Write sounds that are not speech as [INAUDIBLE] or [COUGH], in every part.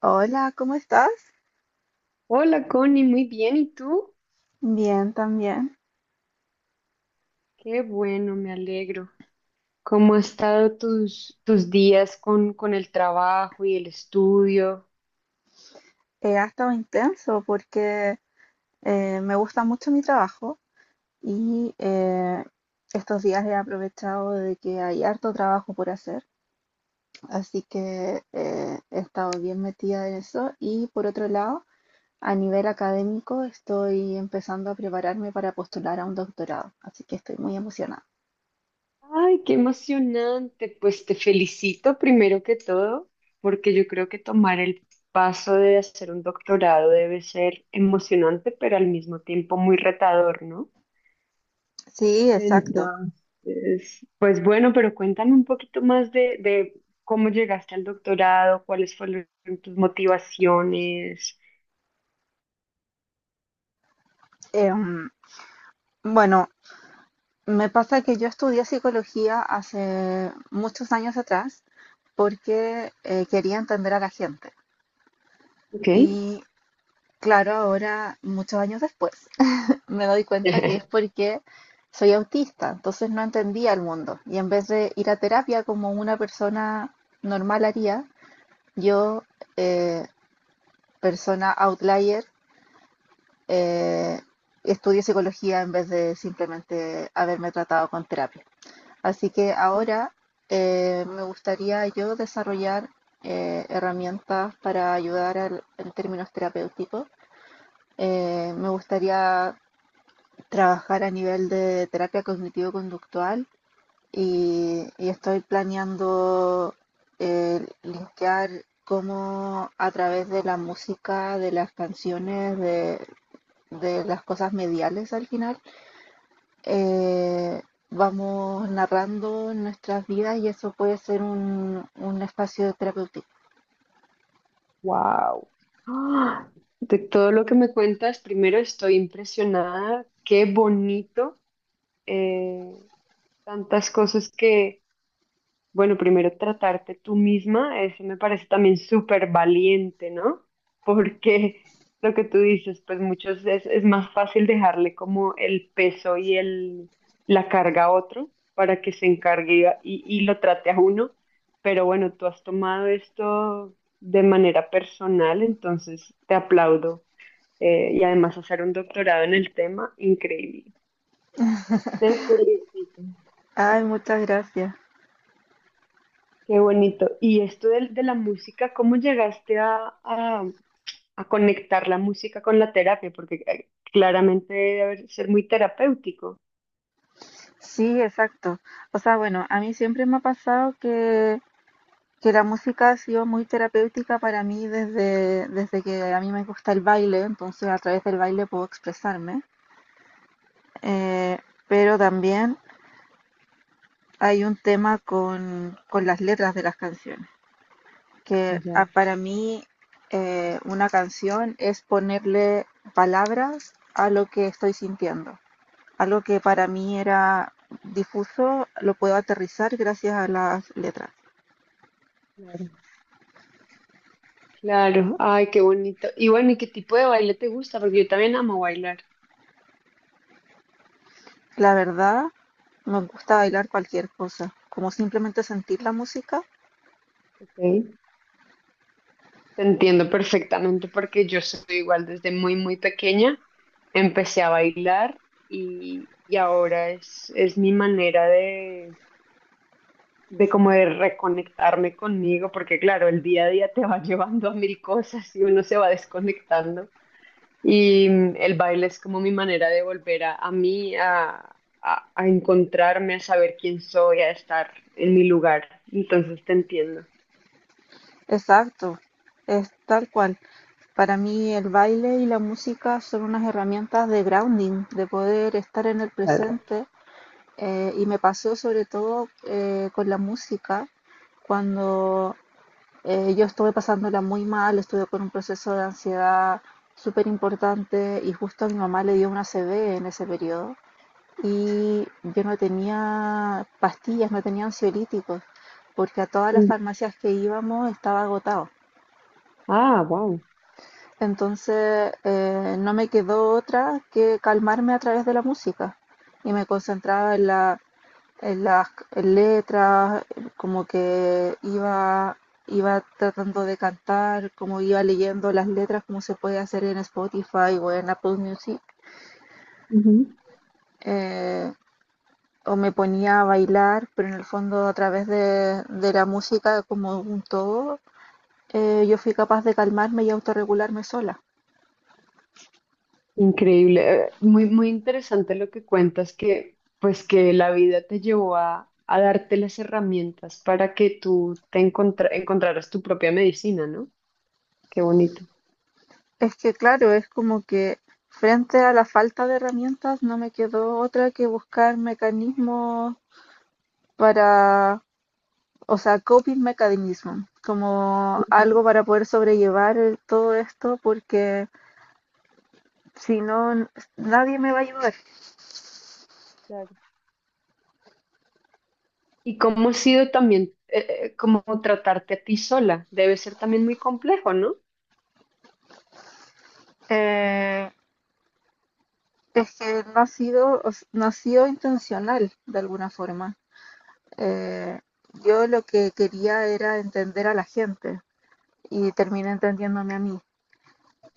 Hola, ¿cómo estás? Hola Connie, muy bien. ¿Y tú? Bien, también. Qué bueno, me alegro. ¿Cómo han estado tus días con el trabajo y el estudio? Ha estado intenso porque me gusta mucho mi trabajo y estos días he aprovechado de que hay harto trabajo por hacer, así que he estado bien metida en eso y por otro lado, a nivel académico estoy empezando a prepararme para postular a un doctorado, así que estoy muy emocionada. Ay, qué emocionante. Pues te felicito primero que todo, porque yo creo que tomar el paso de hacer un doctorado debe ser emocionante, pero al mismo tiempo muy retador, ¿no? Sí, exacto. Entonces, pues bueno, pero cuéntame un poquito más de cómo llegaste al doctorado, cuáles fueron tus motivaciones. Em, bueno, me pasa que yo estudié psicología hace muchos años atrás porque quería entender a la gente. Ok. Y claro, ahora, muchos años después, me doy cuenta que es [LAUGHS] porque soy autista, entonces no entendía el mundo. Y en vez de ir a terapia como una persona normal haría, yo, eh, persona outlier, eh, estudié psicología en vez de simplemente haberme tratado con terapia. Así que ahora me gustaría yo desarrollar herramientas para ayudar en términos terapéuticos. Me gustaría trabajar a nivel de terapia cognitivo-conductual y, estoy planeando linkear cómo a través de la música, de las canciones, de las cosas mediales al final, eh, vamos narrando nuestras vidas y eso puede ser un espacio terapéutico. Wow. ¡Ah! De todo lo que me cuentas, primero estoy impresionada. Qué bonito. eh, Tantas cosas que bueno, primero tratarte tú misma, eso me parece también súper valiente, ¿no? Porque lo que tú dices, pues muchos es más fácil dejarle como el peso y el, la carga a otro para que se encargue y lo trate a uno. Pero bueno, tú has tomado esto de manera personal, entonces te aplaudo. Y además hacer un doctorado en el tema, increíble. Te felicito. Ay, muchas gracias. Qué bonito. Y esto del- de, la música, ¿cómo llegaste a- a conectar la música con la terapia? Porque claramente debe haber- ser muy terapéutico. Sí, exacto. O sea, bueno, a mí siempre me ha pasado que la música ha sido muy terapéutica para mí desde que a mí me gusta el baile, entonces a través del baile puedo expresarme. Eh, pero también hay un tema con las letras de las canciones, que ah, Ya, para mí una canción es ponerle palabras a lo que estoy sintiendo. Algo que para mí era difuso, lo puedo aterrizar gracias a las letras. claro. Claro, ay, qué bonito. Y bueno, ¿y qué tipo de baile te gusta? Porque yo también amo bailar. La verdad, me gusta bailar cualquier cosa, como simplemente sentir la música. Ok. Te entiendo perfectamente porque yo soy igual desde muy, muy pequeña. Empecé a bailar y ahora es mi manera de como de reconectarme conmigo, porque claro, el día a día te va [LAUGHS] llevando a mil cosas y uno se va desconectando. Y mm, el baile es como mi manera de volver a mí, a encontrarme, a saber quién soy, a estar en mi lugar. Entonces te entiendo. Exacto, es tal cual. Para mí el baile y la música son unas herramientas de grounding, de poder estar en el Claro. presente. Y me pasó sobre todo con la música, cuando yo estuve pasándola muy mal, estuve con un proceso de ansiedad súper importante y justo a mi mamá le dio una CB en ese periodo y yo no tenía pastillas, no tenía ansiolíticos, porque a todas las Mm. farmacias que íbamos estaba agotado. Ah, wow. Entonces no me quedó otra que calmarme a través de la música y me concentraba en la en las letras, como que iba, iba tratando de cantar, como iba leyendo las letras, como se puede hacer en Spotify o en Apple Music. Eh, o me ponía a bailar, pero en el fondo a través de la música como un todo, yo fui capaz de calmarme y autorregularme sola. Increíble, muy, muy interesante lo que cuentas, que pues que la vida te llevó a darte las herramientas para que tú te encontra- encontraras tu propia medicina, ¿no? Qué bonito. Es que claro, es como que frente a la falta de herramientas no me quedó otra que buscar mecanismos para, o sea, coping mechanism, como Ujú, algo para poder sobrellevar todo esto, porque si no, nadie me va a ayudar. claro. ¿Y cómo ha sido también como tratarte a ti sola? Debe ser también muy complejo, ¿no? Eh, es que no ha sido, no ha sido intencional de alguna forma. Eh, yo lo que quería era entender a la gente y terminé entendiéndome a mí.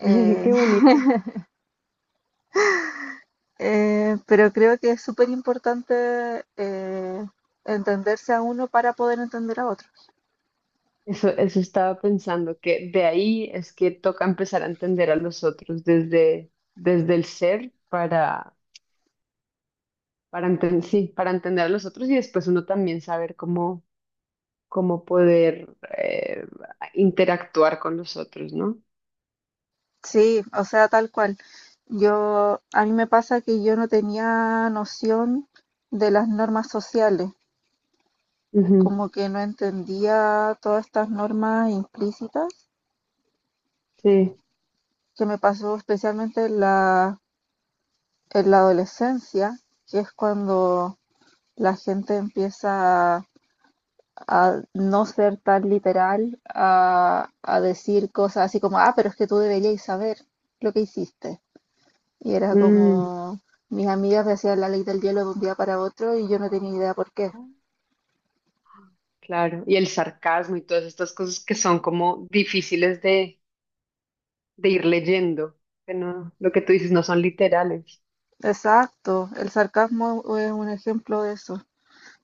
[LAUGHS] Qué [LAUGHS] bonita. Pero creo que es súper importante entenderse a uno para poder entender a otro. Eso estaba pensando, que de ahí es que toca empezar a entender a los otros desde, desde el ser para entender sí, para entender a los otros y después uno también saber cómo, cómo poder eh, interactuar con los otros, ¿no? Sí, o sea, tal cual. Yo, a mí me pasa que yo no tenía noción de las normas sociales, Ujú, como que no entendía todas estas normas implícitas, sí. que me pasó especialmente en la adolescencia, que es cuando la gente empieza a no ser tan literal, a decir cosas así como, ah, pero es que tú deberías saber lo que hiciste. Y era Mm, como mis amigas me hacían la ley del hielo de un día para otro y yo no tenía idea por qué. claro. Y el sarcasmo y todas estas cosas que son como difíciles de ir leyendo, que no, lo que tú dices no son literales. Exacto, el sarcasmo es un ejemplo de eso.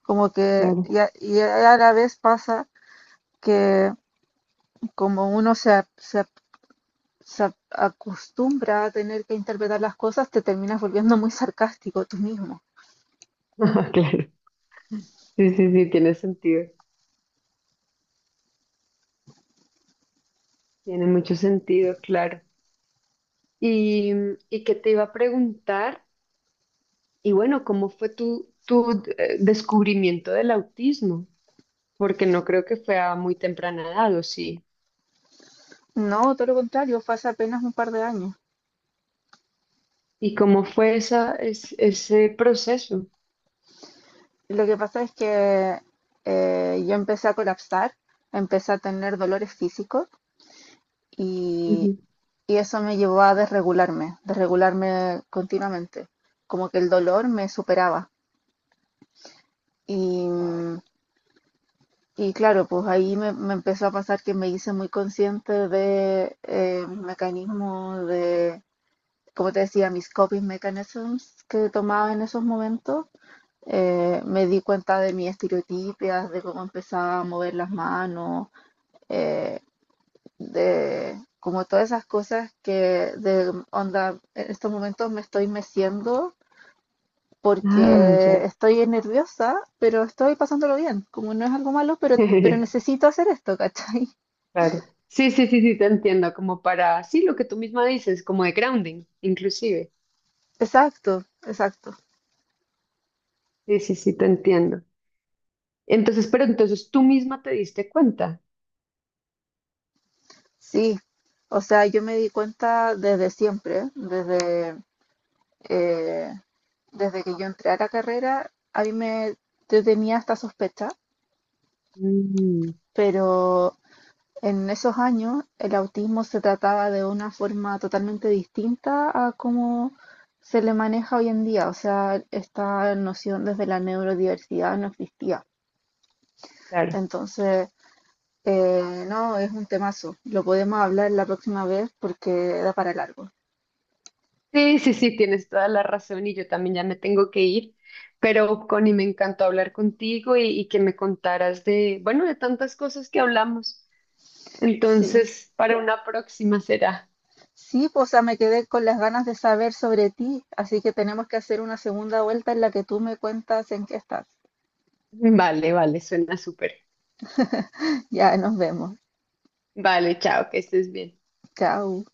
Como que, Claro. Y a la vez pasa que como uno acostumbra a tener que interpretar las cosas, te terminas volviendo muy sarcástico tú mismo. [LAUGHS] Claro. Sí, sí, sí, tiene sentido. Tiene mucho sentido, claro. Y, y qué te iba a preguntar. Y bueno, ¿cómo fue tu, tu descubrimiento del autismo? Porque no creo que fue a muy temprana edad, ¿o sí? No, todo lo contrario, fue hace apenas un par de años. ¿Y cómo fue esa, es- ese proceso? Lo que pasa es que yo empecé a colapsar, empecé a tener dolores físicos y y eso me llevó a desregularme, desregularme continuamente, como que el dolor me superaba. Y, Wow. y claro, pues ahí me empezó a pasar que me hice muy consciente de mis mecanismos, de, como te decía, mis coping mechanisms que tomaba en esos momentos. Me di cuenta de mis estereotipias, de cómo empezaba a mover las manos, eh, de como todas esas cosas que de onda, en estos momentos me estoy meciendo Ah, ya. porque estoy nerviosa, pero estoy pasándolo bien. Como no es algo malo, pero [LAUGHS] necesito hacer esto, ¿cachai? [LAUGHS] Claro. Sí, sí, sí, sí, te entiendo. Como para, sí, lo que tú misma dices, como de grounding, inclusive. Exacto, exacto. Sí, sí, sí, te entiendo. Entonces, pero entonces tú misma te diste cuenta. Sí. O sea, yo me di cuenta desde siempre, desde, eh, desde que yo entré a la carrera, a mí me, yo tenía esta sospecha, Mm, pero en esos años, el autismo se trataba de una forma totalmente distinta a cómo se le maneja hoy en día. O sea, esta noción desde la neurodiversidad no existía. claro. Entonces, no, es un temazo. Lo podemos hablar la próxima vez porque da para largo. Sí, sí, sí, tienes toda la razón y yo también ya me tengo que ir, pero Connie, me encantó hablar contigo y que me contaras de, bueno, de tantas cosas que hablamos. Sí. Entonces, para una próxima será. Sí, pues, o sea, me quedé con las ganas de saber sobre ti, así que tenemos que hacer una segunda vuelta en la que tú me cuentas en qué estás. Vale, vale, suena súper. [LAUGHS] Ya, nos vemos. Vale, chao, que estés bien. Chao.